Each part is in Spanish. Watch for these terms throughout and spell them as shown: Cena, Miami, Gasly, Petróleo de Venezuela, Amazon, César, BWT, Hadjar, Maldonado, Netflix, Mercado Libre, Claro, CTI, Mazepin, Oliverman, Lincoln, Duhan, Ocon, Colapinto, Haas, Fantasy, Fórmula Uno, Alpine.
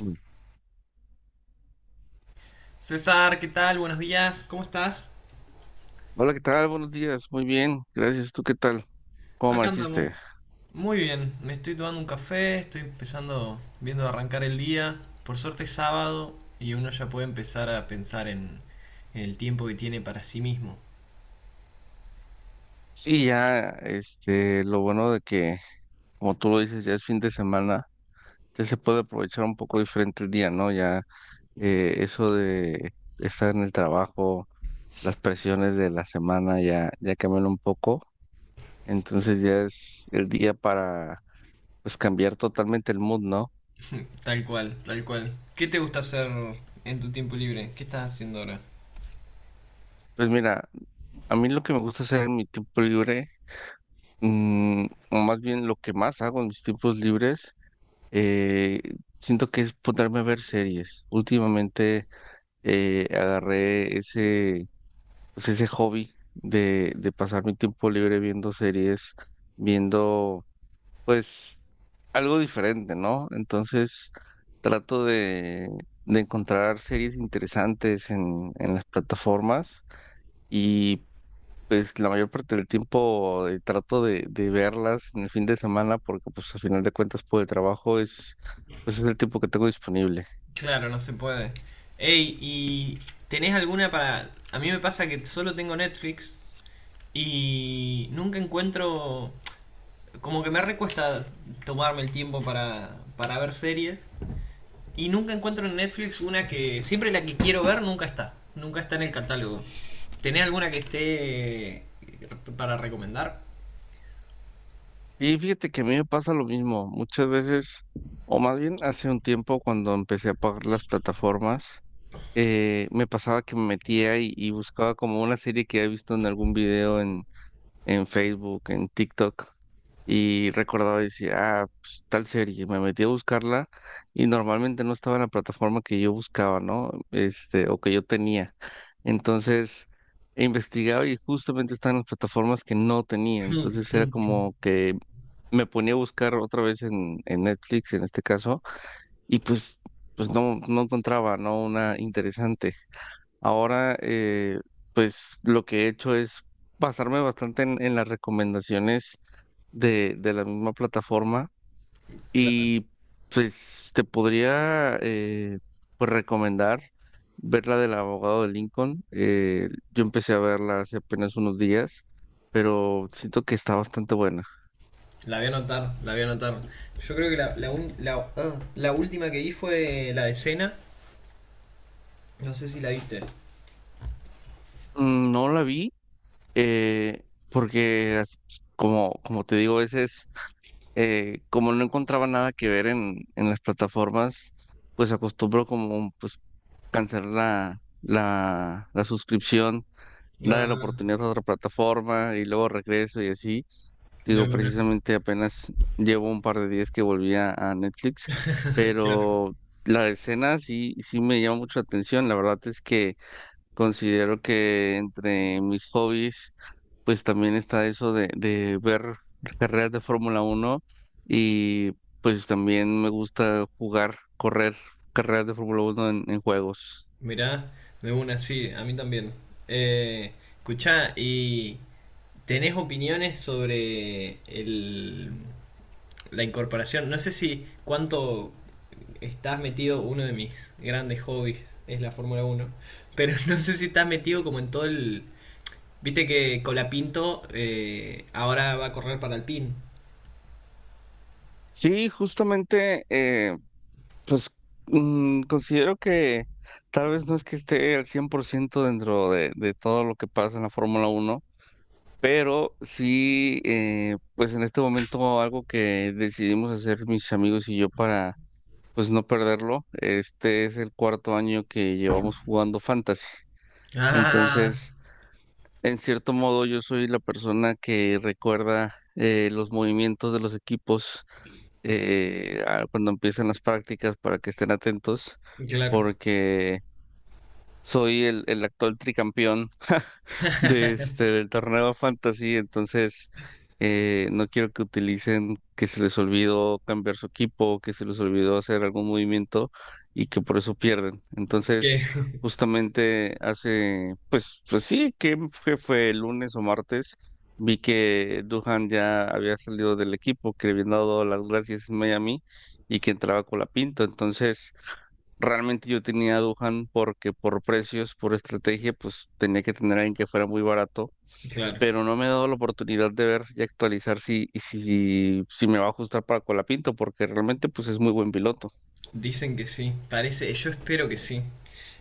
Mm. César, ¿qué tal? Buenos días, ¿cómo estás? Hola, ¿qué tal? Buenos días, muy bien, gracias. ¿Tú qué tal? ¿Cómo Acá andamos. amaneciste? Muy bien, me estoy tomando un café, estoy empezando, viendo de arrancar el día. Por suerte es sábado y uno ya puede empezar a pensar en el tiempo que tiene para sí mismo. Sí, ya, lo bueno de que, como tú lo dices, ya es fin de semana, ya se puede aprovechar un poco diferente el día, ¿no? Ya eso de estar en el trabajo, las presiones de la semana ya cambian un poco, entonces ya es el día para, pues, cambiar totalmente el mood, ¿no? Tal cual, tal cual. ¿Qué te gusta hacer en tu tiempo libre? ¿Qué estás haciendo ahora? Pues mira, a mí lo que me gusta hacer en mi tiempo libre, mm, o más bien lo que más hago en mis tiempos libres, Eh, siento que es ponerme a ver series. Últimamente agarré ese, pues ese hobby de pasar mi tiempo libre viendo series, viendo pues algo diferente, ¿no? Entonces trato de encontrar series interesantes en las plataformas y pues la mayor parte del tiempo trato de verlas en el fin de semana porque pues al final de cuentas por el trabajo es el tiempo que tengo disponible. Claro, no se puede. Ey, ¿y tenés alguna para...? A mí me pasa que solo tengo Netflix y nunca encuentro. Como que me recuesta tomarme el tiempo para ver series. Y nunca encuentro en Netflix una que. Siempre la que quiero ver nunca está. Nunca está en el catálogo. ¿Tenés alguna que esté para recomendar? Y fíjate que a mí me pasa lo mismo, muchas veces, o más bien hace un tiempo cuando empecé a pagar las plataformas, me pasaba que me metía y buscaba como una serie que había visto en algún video en Facebook, en TikTok, y recordaba y decía, ah, pues, tal serie, me metí a buscarla y normalmente no estaba en la plataforma que yo buscaba, ¿no? O que yo tenía. Entonces, investigaba y justamente estaba en las plataformas que no tenía. Entonces era como que me ponía a buscar otra vez en Netflix, en este caso, y pues no encontraba, ¿no? Una interesante. Ahora, pues lo que he hecho es basarme bastante en las recomendaciones de la misma plataforma Claro. y pues te podría pues recomendar ver la del abogado de Lincoln. Yo empecé a verla hace apenas unos días, pero siento que está bastante buena. La voy a anotar, la voy a anotar. Yo creo que la última que vi fue la de Cena. No sé si la viste. No la vi porque como te digo, ese es como no encontraba nada que ver en las plataformas, pues acostumbro como pues cancelar la suscripción, darle la Ah, oportunidad a otra plataforma y luego regreso y así. de Digo, una. precisamente apenas llevo un par de días que volví a Netflix, Claro. pero la escena sí, sí me llama mucho la atención. La verdad es que considero que entre mis hobbies, pues también está eso de ver carreras de Fórmula Uno y pues también me gusta jugar, correr carreras de Fórmula Uno en juegos. Mirá, de una, sí, a mí también. Eh, Escuchá, y ¿tenés opiniones sobre la incorporación? No sé si cuánto estás metido, uno de mis grandes hobbies es la Fórmula Uno, pero no sé si estás metido como en todo el... Viste que Colapinto ahora va a correr para Alpine. Sí, justamente, pues considero que tal vez no es que esté al 100% dentro de todo lo que pasa en la Fórmula Uno, pero sí, pues en este momento algo que decidimos hacer mis amigos y yo para pues no perderlo. Este es el cuarto año que llevamos jugando Fantasy. Ah, Entonces, en cierto modo, yo soy la persona que recuerda los movimientos de los equipos cuando empiezan las prácticas para que estén atentos, claro. porque soy el actual tricampeón de del torneo Fantasy, entonces no quiero que utilicen que se les olvidó cambiar su equipo, que se les olvidó hacer algún movimiento y que por eso pierden. Entonces, Que, justamente hace, pues, pues sí, que fue el lunes o martes, vi que Duhan ya había salido del equipo, que le habían dado las gracias en Miami y que entraba con la pinta. Entonces, realmente yo tenía a Duhan porque por precios, por estrategia, pues tenía que tener a alguien que fuera muy barato, claro. pero no me he dado la oportunidad de ver y actualizar si, si me va a ajustar para Colapinto, porque realmente pues es muy buen piloto. Dicen que sí, parece, yo espero que sí.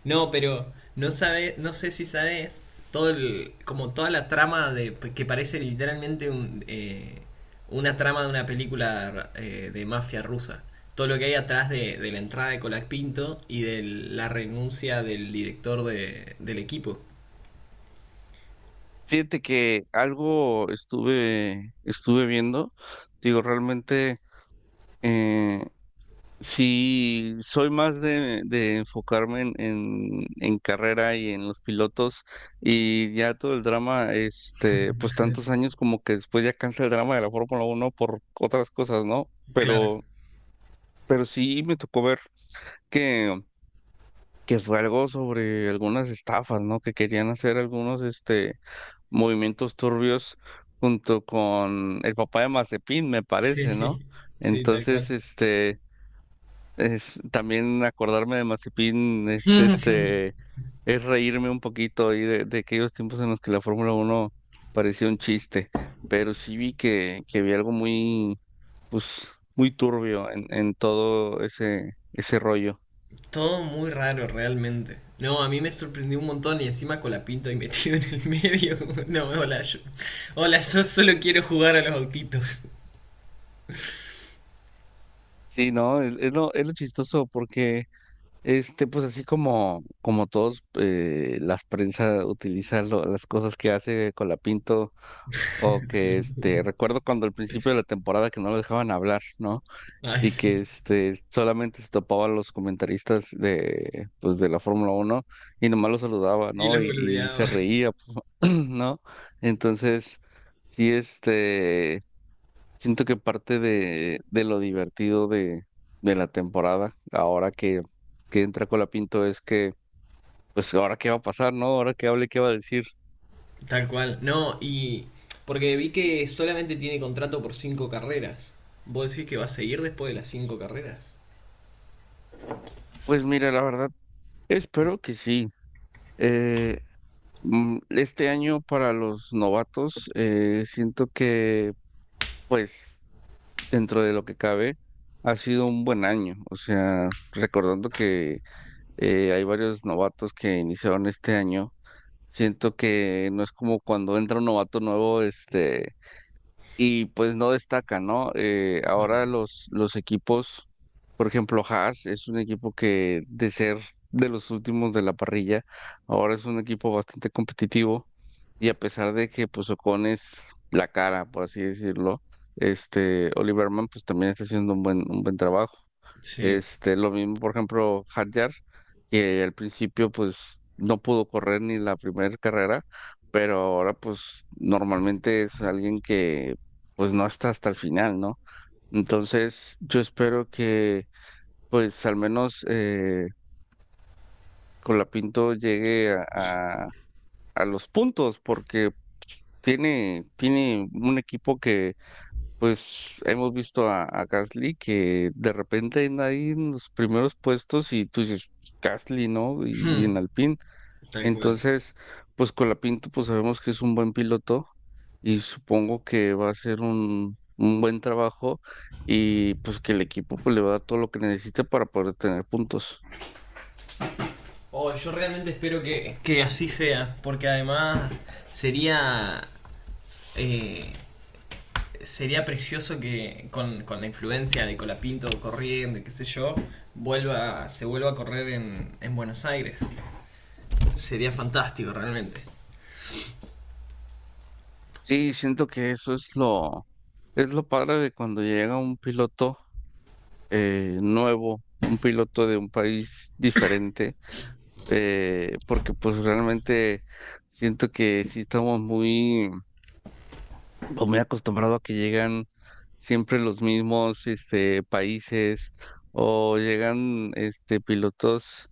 No, pero no sé si sabes todo el, como toda la trama de que parece literalmente una trama de una película de mafia rusa. Todo lo que hay atrás de la entrada de Colak Pinto y de la renuncia del director del equipo. Fíjate que algo estuve viendo, digo, realmente eh, sí, soy más de enfocarme en carrera y en los pilotos, y ya todo el drama, pues tantos años como que después ya cansa el drama de la Fórmula Uno por otras cosas, ¿no? Claro. Pero sí me tocó ver que, que fue algo sobre algunas estafas, ¿no? Que querían hacer algunos, movimientos turbios junto con el papá de Mazepin, me parece, Sí, ¿no? sí, tal Entonces, cual. También acordarme de Mazepin es este es reírme un poquito ahí de aquellos tiempos en los que la Fórmula Uno parecía un chiste, pero sí vi que vi algo muy pues muy turbio en todo ese rollo. Todo muy raro, realmente. No, a mí me sorprendió un montón y encima con la pinta y metido en el medio. No, hola, yo. Hola, yo solo quiero jugar a los autitos. Sí, no, es lo chistoso porque pues así como todos las prensa utilizan las cosas que hace Colapinto, o que recuerdo cuando al principio de la temporada que no lo dejaban hablar, ¿no?, Ay, y que sí. Solamente se topaba a los comentaristas de pues de la Fórmula Uno y nomás los saludaba, Y ¿no? los Y se boludeaba. reía, ¿no? Entonces, sí, siento que parte de lo divertido de la temporada, ahora que entra Colapinto, es que, pues, ¿ahora qué va a pasar, no? ¿Ahora qué hable, qué va a decir? Tal cual. No, y. Porque vi que solamente tiene contrato por cinco carreras. ¿Vos decís que va a seguir después de las cinco carreras? Pues mira, la verdad, espero que sí. Eh, Este año para los novatos, siento que pues dentro de lo que cabe, ha sido un buen año. O sea, recordando que hay varios novatos que iniciaron este año, siento que no es como cuando entra un novato nuevo, y pues no destaca, ¿no? Bueno. Ahora los equipos, por ejemplo, Haas es un equipo que de ser de los últimos de la parrilla, ahora es un equipo bastante competitivo, y a pesar de que pues Ocon es la cara, por así decirlo, Oliverman pues también está haciendo un buen trabajo. Sí. Lo mismo, por ejemplo, Hadjar, que al principio pues no pudo correr ni la primera carrera, pero ahora pues normalmente es alguien que pues no hasta el final, ¿no? Entonces, yo espero que, pues al menos Colapinto llegue a, a los puntos, porque tiene un equipo que, pues hemos visto a Gasly que de repente anda ahí en los primeros puestos y tú dices, "Pues, Gasly, ¿no? Y en Alpine." Tal cual. Entonces, pues Colapinto, pues sabemos que es un buen piloto y supongo que va a hacer un buen trabajo y pues que el equipo pues le va a dar todo lo que necesite para poder tener puntos. Oh, yo realmente espero que así sea, porque además sería eh, sería precioso que con la influencia de Colapinto corriendo y qué sé yo, se vuelva a correr en Buenos Aires. Sería fantástico realmente. Sí, siento que eso es lo, padre de cuando llega un piloto nuevo, un piloto de un país diferente, porque pues realmente siento que sí estamos muy pues, muy acostumbrado a que llegan siempre los mismos países, o llegan pilotos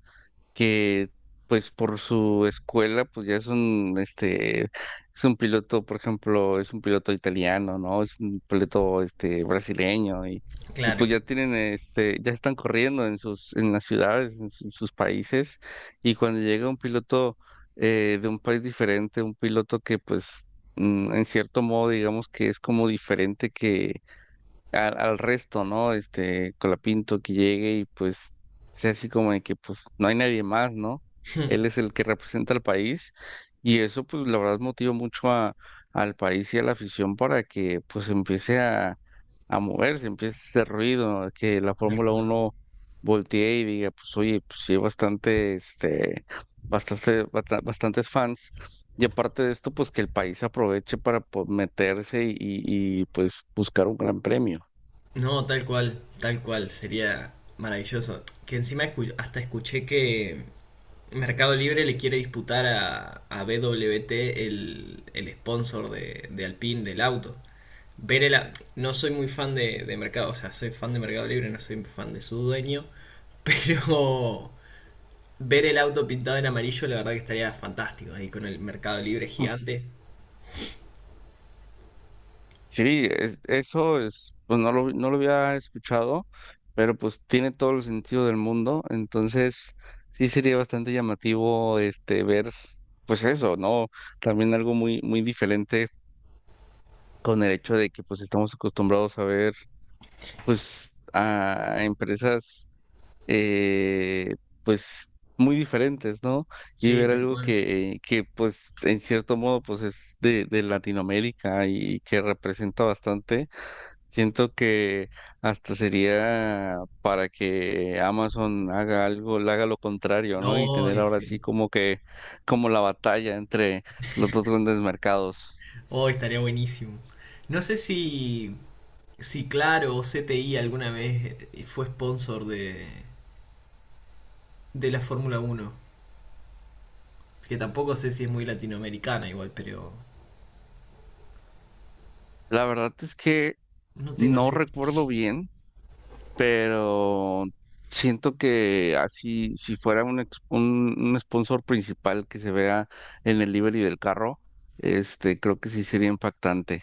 que pues por su escuela pues ya es un piloto, por ejemplo, es un piloto italiano, ¿no? Es un piloto brasileño y Claro, pues ya tienen ya están corriendo en las ciudades, en sus países, y cuando llega un piloto de un país diferente, un piloto que pues en cierto modo digamos que es como diferente al resto, ¿no? Colapinto, que llegue y pues sea así como de que pues no hay nadie más, ¿no? Él es el que representa al país y eso pues la verdad motiva mucho al país y a la afición para que pues empiece a moverse, empiece a hacer ruido, a que la tal Fórmula cual. Uno voltee y diga pues oye, pues sí hay bastantes fans. Y aparte de esto, pues que el país aproveche para pues, meterse y, pues buscar un gran premio. No, tal cual, sería maravilloso. Que encima hasta escuché que Mercado Libre le quiere disputar a BWT el sponsor de Alpine del auto. Ver el, no soy muy fan de Mercado, o sea, soy fan de Mercado Libre, no soy fan de su dueño, pero ver el auto pintado en amarillo, la verdad que estaría fantástico ahí con el Mercado Libre Ah, gigante. sí, eso es, pues no lo había escuchado, pero pues tiene todo el sentido del mundo, entonces sí sería bastante llamativo ver, pues eso, ¿no? También algo muy, muy diferente con el hecho de que pues estamos acostumbrados a ver pues a empresas eh, pues muy diferentes, ¿no? Y Sí, ver tal algo cual. que pues en cierto modo pues es de Latinoamérica y que representa bastante. Siento que hasta sería para que Amazon haga algo, le haga lo contrario, ¿no? Y tener Hoy ahora sí. sí como que, como la batalla entre los dos grandes mercados. Hoy estaría buenísimo. No sé si, Claro o CTI alguna vez fue sponsor de la Fórmula Uno. Que tampoco sé si es muy latinoamericana igual, pero La verdad es que no tengo no así. recuerdo bien, pero siento que así, si fuera un sponsor principal que se vea en el livery del carro, creo que sí sería impactante.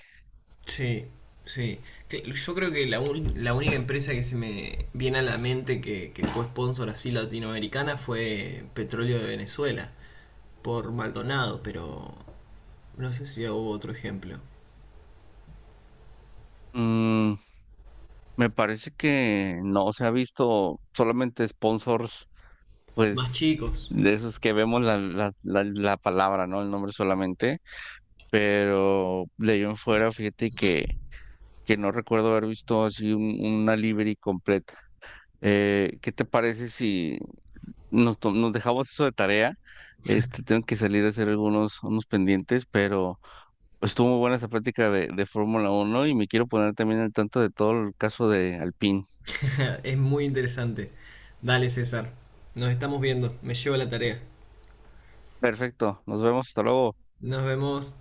Sí, sí. Yo creo que la única empresa que se me viene a la mente que fue sponsor así latinoamericana fue Petróleo de Venezuela, por Maldonado, pero no sé si hubo otro ejemplo. Mm, Me parece que no se ha visto solamente sponsors, Más pues chicos. de esos que vemos la palabra, ¿no? El nombre solamente, pero de ahí en fuera, fíjate que no recuerdo haber visto así una livery completa. ¿Qué te parece si nos dejamos eso de tarea? Tengo que salir a hacer algunos unos pendientes, pero estuvo muy buena esa práctica de Fórmula uno y me quiero poner también al tanto de todo el caso de Alpine. Es muy interesante. Dale, César. Nos estamos viendo. Me llevo la tarea. Perfecto, nos vemos, hasta luego. Nos vemos.